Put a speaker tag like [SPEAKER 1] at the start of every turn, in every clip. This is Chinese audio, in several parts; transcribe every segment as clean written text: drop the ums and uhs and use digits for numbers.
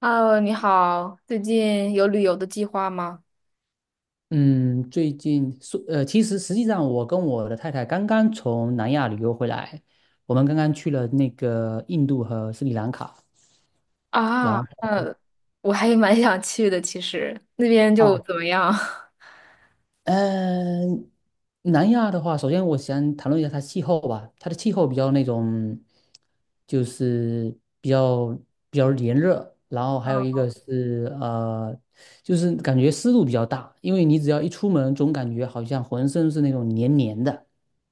[SPEAKER 1] Hello，你好，最近有旅游的计划吗？
[SPEAKER 2] 嗯，最近说，其实实际上我跟我的太太刚刚从南亚旅游回来，我们刚刚去了那个印度和斯里兰卡，然
[SPEAKER 1] 啊，
[SPEAKER 2] 后，
[SPEAKER 1] 那我还蛮想去的，其实那边就
[SPEAKER 2] 哦，
[SPEAKER 1] 怎么样？
[SPEAKER 2] 嗯、南亚的话，首先我想谈论一下它气候吧，它的气候比较那种，就是比较比较炎热，然后还有一个是就是感觉湿度比较大，因为你只要一出门，总感觉好像浑身是那种黏黏的。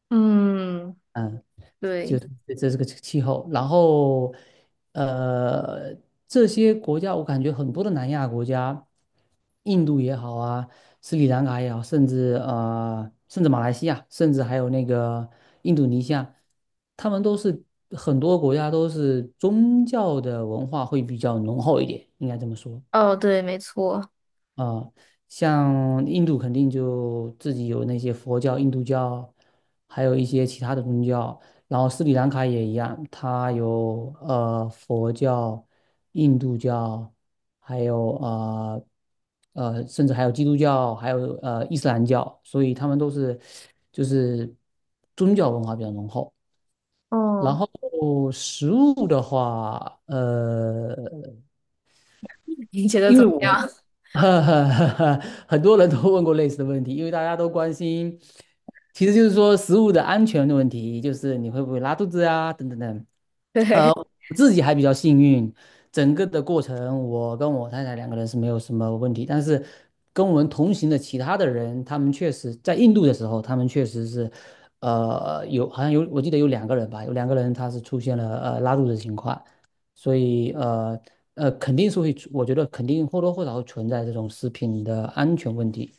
[SPEAKER 1] 嗯，对，
[SPEAKER 2] 就这这是个气候。然后，呃，这些国家我感觉很多的南亚国家，印度也好啊，斯里兰卡也好，甚至马来西亚，甚至还有那个印度尼西亚，他们都是很多国家都是宗教的文化会比较浓厚一点，应该这么说。
[SPEAKER 1] 哦，对，没错，
[SPEAKER 2] 啊、像印度肯定就自己有那些佛教、印度教，还有一些其他的宗教。然后斯里兰卡也一样，它有佛教、印度教，还有，甚至还有基督教，还有伊斯兰教，所以他们都是就是宗教文化比较浓厚。然
[SPEAKER 1] 哦，
[SPEAKER 2] 后食物的话，
[SPEAKER 1] 你觉得
[SPEAKER 2] 因
[SPEAKER 1] 怎
[SPEAKER 2] 为
[SPEAKER 1] 么
[SPEAKER 2] 我，
[SPEAKER 1] 样？
[SPEAKER 2] 呵呵呵呵，很多人都问过类似的问题，因为大家都关心，其实就是说食物的安全的问题，就是你会不会拉肚子啊，等等等。
[SPEAKER 1] 对，
[SPEAKER 2] 我自己还比较幸运，整个的过程我跟我太太两个人是没有什么问题，但是跟我们同行的其他的人，他们确实在印度的时候，他们确实是，有好像有我记得有两个人吧，有两个人他是出现了拉肚子的情况，所以肯定是会出我觉得肯定或多或少会存在这种食品的安全问题，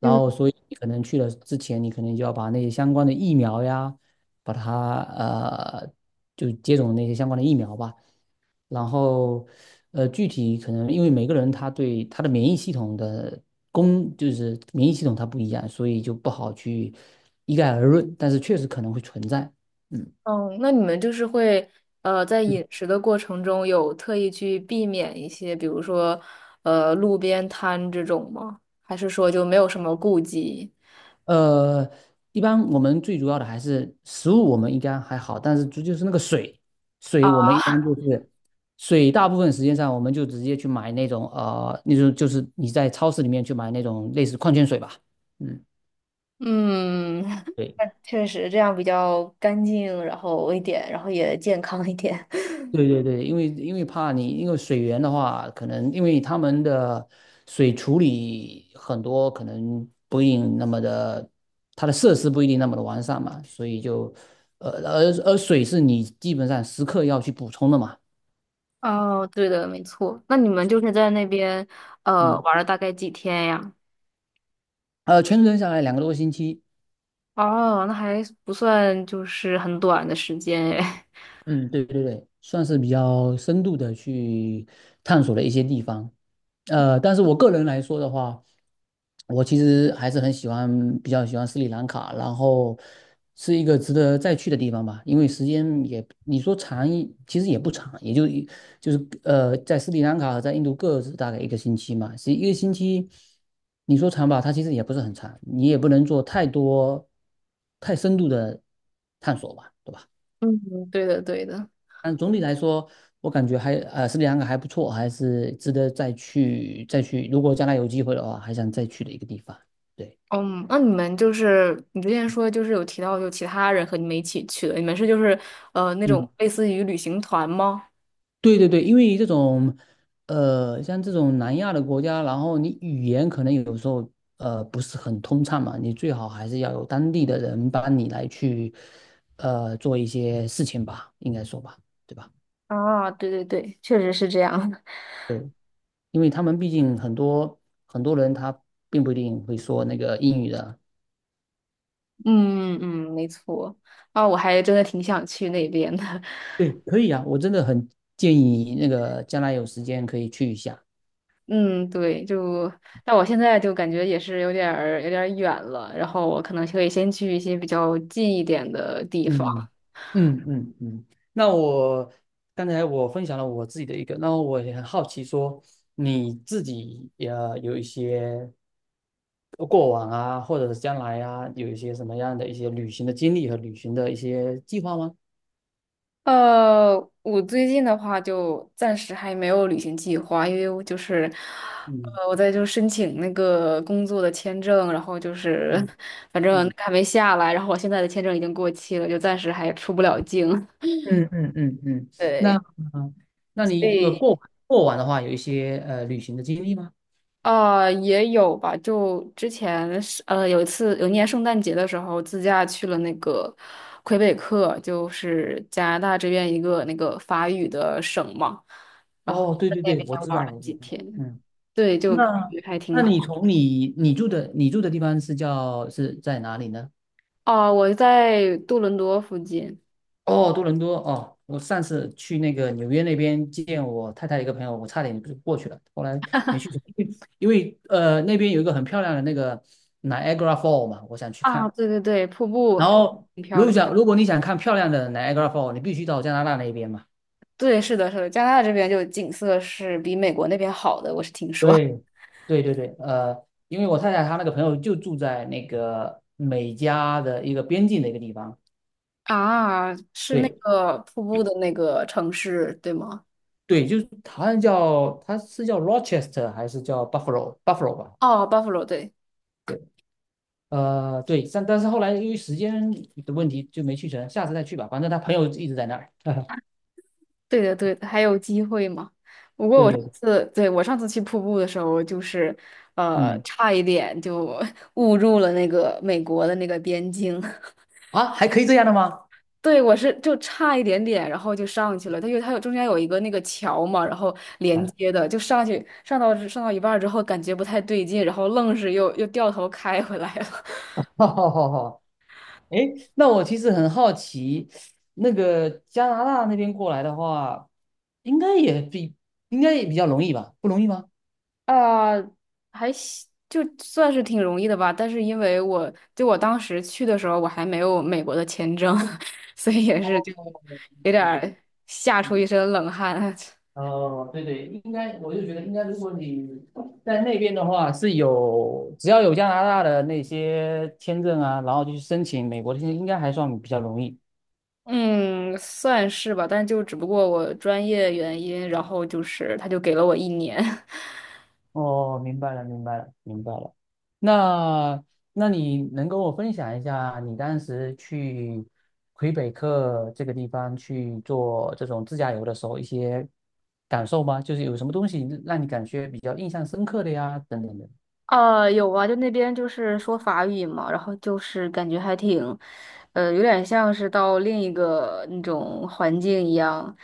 [SPEAKER 2] 然
[SPEAKER 1] 嗯，
[SPEAKER 2] 后所以你可能去了之前，你可能就要把那些相关的疫苗呀。把它就接种那些相关的疫苗吧。然后具体可能因为每个人他对他的免疫系统的就是免疫系统它不一样，所以就不好去一概而论，但是确实可能会存在。嗯。
[SPEAKER 1] 哦，那你们就是会在饮食的过程中有特意去避免一些，比如说路边摊这种吗？还是说就没有什么顾忌？
[SPEAKER 2] 呃，一般我们最主要的还是食物，我们应该还好，但是就是那个水，水我们一般就是水，大部分时间上我们就直接去买那种那种就是你在超市里面去买那种类似矿泉水吧，嗯，
[SPEAKER 1] 嗯，
[SPEAKER 2] 对。
[SPEAKER 1] 确实这样比较干净，然后一点，然后也健康一点。
[SPEAKER 2] 对对对，因为怕你，因为水源的话，可能因为他们的水处理很多可能不一定那么的，它的设施不一定那么的完善嘛，所以就，而水是你基本上时刻要去补充的嘛，
[SPEAKER 1] 哦，对的，没错。那你们就是在那边
[SPEAKER 2] 嗯，
[SPEAKER 1] 玩了大概几天呀？
[SPEAKER 2] 全程下来2个多星期，
[SPEAKER 1] 哦，那还不算就是很短的时间诶。
[SPEAKER 2] 嗯，对对对，算是比较深度的去探索了一些地方。但是我个人来说的话，我其实还是很喜欢，比较喜欢斯里兰卡，然后是一个值得再去的地方吧，因为时间也，你说长一，其实也不长，也就一就是呃，在斯里兰卡和在印度各自大概一个星期嘛，是一个星期，你说长吧，它其实也不是很长，你也不能做太多太深度的探索吧，对吧？
[SPEAKER 1] 嗯，对的，对的。
[SPEAKER 2] 但总体来说，我感觉还斯里兰卡还不错，还是值得再去再去。如果将来有机会的话，还想再去的一个地方。对。
[SPEAKER 1] 嗯，那你们就是你之前说就是有提到就其他人和你们一起去的，你们是就是那种
[SPEAKER 2] 嗯，
[SPEAKER 1] 类似于旅行团吗？
[SPEAKER 2] 对对对，因为像这种南亚的国家，然后你语言可能有时候不是很通畅嘛，你最好还是要有当地的人帮你来去做一些事情吧，应该说吧，对吧？
[SPEAKER 1] 啊，对对对，确实是这样的。
[SPEAKER 2] 对，因为他们毕竟很多很多人他并不一定会说那个英语的。
[SPEAKER 1] 嗯嗯，没错。啊，我还真的挺想去那边的，
[SPEAKER 2] 对，可以啊，我真的很建议你那个将来有时间可以去一下。
[SPEAKER 1] 嗯，对，就，但我现在就感觉也是有点儿远了，然后我可能可以先去一些比较近一点的地方。
[SPEAKER 2] 嗯嗯嗯嗯。那我刚才我分享了我自己的一个，那我也很好奇说你自己也有一些过往啊，或者是将来啊，有一些什么样的一些旅行的经历和旅行的一些计划吗？
[SPEAKER 1] 呃，我最近的话就暂时还没有旅行计划，因为我就是，
[SPEAKER 2] 嗯
[SPEAKER 1] 我在就申请那个工作的签证，然后就是，
[SPEAKER 2] 嗯
[SPEAKER 1] 反正
[SPEAKER 2] 嗯
[SPEAKER 1] 还没下来，然后我现在的签证已经过期了，就暂时还出不了境。
[SPEAKER 2] 嗯嗯嗯嗯。那
[SPEAKER 1] 对，
[SPEAKER 2] 嗯，那
[SPEAKER 1] 所
[SPEAKER 2] 你如果
[SPEAKER 1] 以
[SPEAKER 2] 过过往的话，有一些旅行的经历吗？
[SPEAKER 1] 也有吧。就之前是有一次有一年圣诞节的时候，自驾去了那个魁北克，就是加拿大这边一个那个法语的省嘛，然后
[SPEAKER 2] 哦，对
[SPEAKER 1] 在
[SPEAKER 2] 对
[SPEAKER 1] 那
[SPEAKER 2] 对，
[SPEAKER 1] 边
[SPEAKER 2] 我知道，
[SPEAKER 1] 玩了
[SPEAKER 2] 我
[SPEAKER 1] 几
[SPEAKER 2] 知道。
[SPEAKER 1] 天，
[SPEAKER 2] 嗯。
[SPEAKER 1] 对，就感
[SPEAKER 2] 那
[SPEAKER 1] 觉还挺
[SPEAKER 2] 那你
[SPEAKER 1] 好。
[SPEAKER 2] 从你你住的你住的地方是在哪里呢？
[SPEAKER 1] 哦，我在多伦多附近
[SPEAKER 2] 哦，多伦多哦，我上次去那个纽约那边见我太太一个朋友，我差点就过去了，后来没去成，因为那边有一个很漂亮的那个 Niagara Fall 嘛，我想去
[SPEAKER 1] 啊，
[SPEAKER 2] 看。
[SPEAKER 1] 对对对，瀑布
[SPEAKER 2] 然
[SPEAKER 1] 还
[SPEAKER 2] 后
[SPEAKER 1] 挺漂亮。
[SPEAKER 2] 如果你想看漂亮的 Niagara Fall，你必须到加拿大那边嘛。
[SPEAKER 1] 对，是的，是的，加拿大这边就景色是比美国那边好的，我是听说。
[SPEAKER 2] 对，对对对，因为我太太她那个朋友就住在那个美加的一个边境的一个地方。
[SPEAKER 1] 啊，是那
[SPEAKER 2] 对，
[SPEAKER 1] 个瀑布的那个城市，对吗？
[SPEAKER 2] 对，就是好像叫他是叫 Rochester 还是叫 Buffalo 吧？
[SPEAKER 1] 哦，Buffalo，对，
[SPEAKER 2] 对，对，但是后来由于时间的问题就没去成，下次再去吧。反正他朋友一直在那儿。
[SPEAKER 1] 对的，对的，还有机会吗？
[SPEAKER 2] 对对对，
[SPEAKER 1] 是，对，我上次去瀑布的时候，就是
[SPEAKER 2] 嗯，
[SPEAKER 1] 差一点就 误入了那个美国的那个边境。
[SPEAKER 2] 啊，还可以这样的吗？
[SPEAKER 1] 对，我是就差一点点，然后就上去了。它有中间有一个那个桥嘛，然后连
[SPEAKER 2] 哎。
[SPEAKER 1] 接的，就上去上到一半儿之后，感觉不太对劲，然后愣是又掉头开回来了。
[SPEAKER 2] 好好好好，哎，那我其实很好奇，那个加拿大那边过来的话，应该也比应该也比较容易吧？不容易吗？
[SPEAKER 1] 呃，还行就算是挺容易的吧，但是因为我就我当时去的时候，我还没有美国的签证，所以也是就
[SPEAKER 2] 哦，
[SPEAKER 1] 有点
[SPEAKER 2] 明白，
[SPEAKER 1] 儿吓出
[SPEAKER 2] 嗯，
[SPEAKER 1] 一身冷汗。
[SPEAKER 2] 哦，对对，应该，我就觉得应该，如果你在那边的话，是有只要有加拿大的那些签证啊，然后就去申请美国的签证，应该还算比较容易。
[SPEAKER 1] 嗯，算是吧，但就只不过我专业原因，然后就是他就给了我一年。
[SPEAKER 2] 哦，明白了，明白了，明白了。那那你能跟我分享一下你当时去魁北克这个地方去做这种自驾游的时候一些感受吗？就是有什么东西让你感觉比较印象深刻的呀，等等的。
[SPEAKER 1] 有啊，就那边就是说法语嘛，然后就是感觉还挺，有点像是到另一个那种环境一样，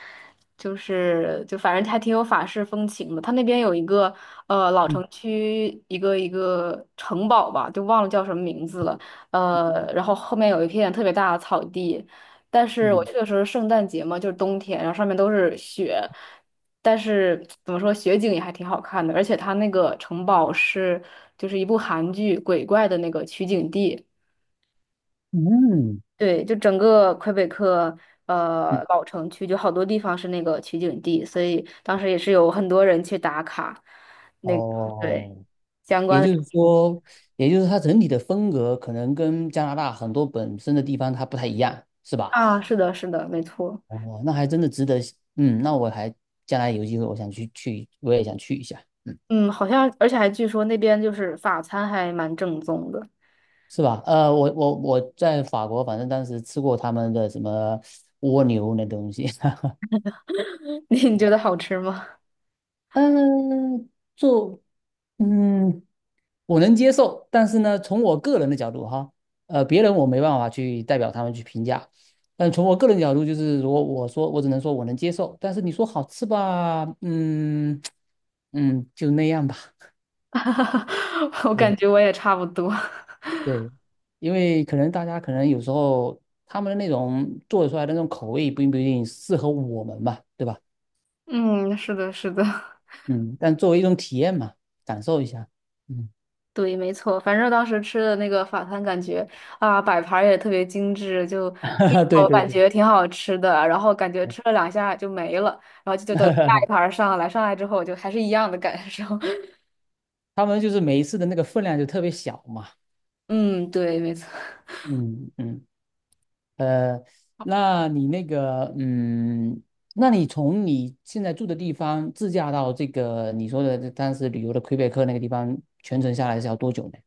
[SPEAKER 1] 就是就反正还挺有法式风情的。他那边有一个老
[SPEAKER 2] 嗯
[SPEAKER 1] 城区，一个城堡吧，就忘了叫什么名字了，然后后面有一片特别大的草地，但是我
[SPEAKER 2] 嗯
[SPEAKER 1] 去的时候是圣诞节嘛，就是冬天，然后上面都是雪，但是怎么说，雪景也还挺好看的，而且它那个城堡是就是一部韩剧鬼怪的那个取景地，
[SPEAKER 2] 嗯嗯。
[SPEAKER 1] 对，就整个魁北克老城区就好多地方是那个取景地，所以当时也是有很多人去打卡，那对
[SPEAKER 2] 哦，
[SPEAKER 1] 相
[SPEAKER 2] 也
[SPEAKER 1] 关的
[SPEAKER 2] 就是说，也就是它整体的风格可能跟加拿大很多本身的地方它不太一样，是吧？
[SPEAKER 1] 啊，是的，是的，没错。
[SPEAKER 2] 哦，那还真的值得。嗯，那我将来有机会，我想去去，我也想去一下。嗯，
[SPEAKER 1] 嗯，好像，而且还据说那边就是法餐还蛮正宗的，
[SPEAKER 2] 是吧？我在法国，反正当时吃过他们的什么蜗牛那东西。
[SPEAKER 1] 你觉得好吃吗？
[SPEAKER 2] 嗯，做，嗯。我能接受，但是呢，从我个人的角度哈，别人我没办法去代表他们去评价，但从我个人角度，就是如果我说，我只能说我能接受，但是你说好吃吧，嗯嗯，就那样吧。
[SPEAKER 1] 哈哈，我
[SPEAKER 2] 对
[SPEAKER 1] 感觉我也差不多。
[SPEAKER 2] 对，因为可能大家可能有时候他们的那种做出来的那种口味，并不一定适合我们吧，对吧？
[SPEAKER 1] 嗯，是的，是的，
[SPEAKER 2] 嗯，但作为一种体验嘛，感受一下。嗯。
[SPEAKER 1] 对，没错。反正当时吃的那个法餐，感觉啊，摆盘儿也特别精致，就 第一
[SPEAKER 2] 对
[SPEAKER 1] 口
[SPEAKER 2] 对
[SPEAKER 1] 感
[SPEAKER 2] 对。
[SPEAKER 1] 觉挺好吃的，然后感觉吃了两下就没了，然后就等下一盘 儿上来，上来之后就还是一样的感受。
[SPEAKER 2] 他们就是每一次的那个分量就特别小嘛。
[SPEAKER 1] 嗯，对，没错。
[SPEAKER 2] 嗯嗯，呃，那你那个，嗯，那你从你现在住的地方自驾到这个你说的这当时旅游的魁北克那个地方，全程下来是要多久呢？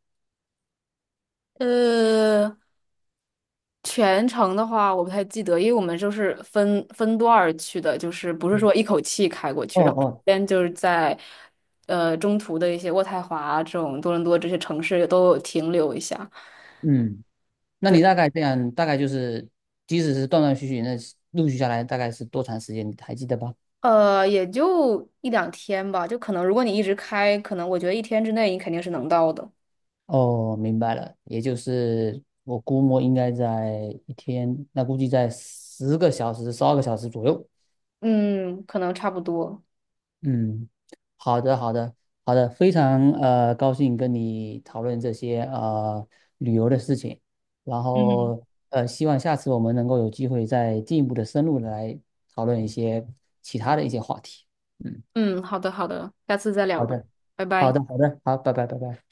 [SPEAKER 1] 呃，全程的话，我不太记得，因为我们就是分段儿去的，就是不是说一口气开过去，
[SPEAKER 2] 哦
[SPEAKER 1] 然后中
[SPEAKER 2] 哦，
[SPEAKER 1] 间就是在中途的一些渥太华这种多伦多这些城市都有停留一下。
[SPEAKER 2] 嗯，那
[SPEAKER 1] 对，
[SPEAKER 2] 你大概这样，大概就是，即使是断断续续，那陆续下来大概是多长时间？你还记得吧？
[SPEAKER 1] 也就一两天吧，就可能如果你一直开，可能我觉得一天之内你肯定是能到的。
[SPEAKER 2] 哦，明白了，也就是我估摸应该在一天，那估计在10个小时、12个小时左右。
[SPEAKER 1] 嗯，可能差不多。
[SPEAKER 2] 嗯，好的，好的，好的，非常高兴跟你讨论这些旅游的事情，然后希望下次我们能够有机会再进一步的深入的来讨论一些其他的一些话题。嗯，
[SPEAKER 1] 嗯，好的好的，下次再聊
[SPEAKER 2] 好
[SPEAKER 1] 吧，
[SPEAKER 2] 的，
[SPEAKER 1] 拜
[SPEAKER 2] 好
[SPEAKER 1] 拜。
[SPEAKER 2] 的，好的，好，拜拜，拜拜。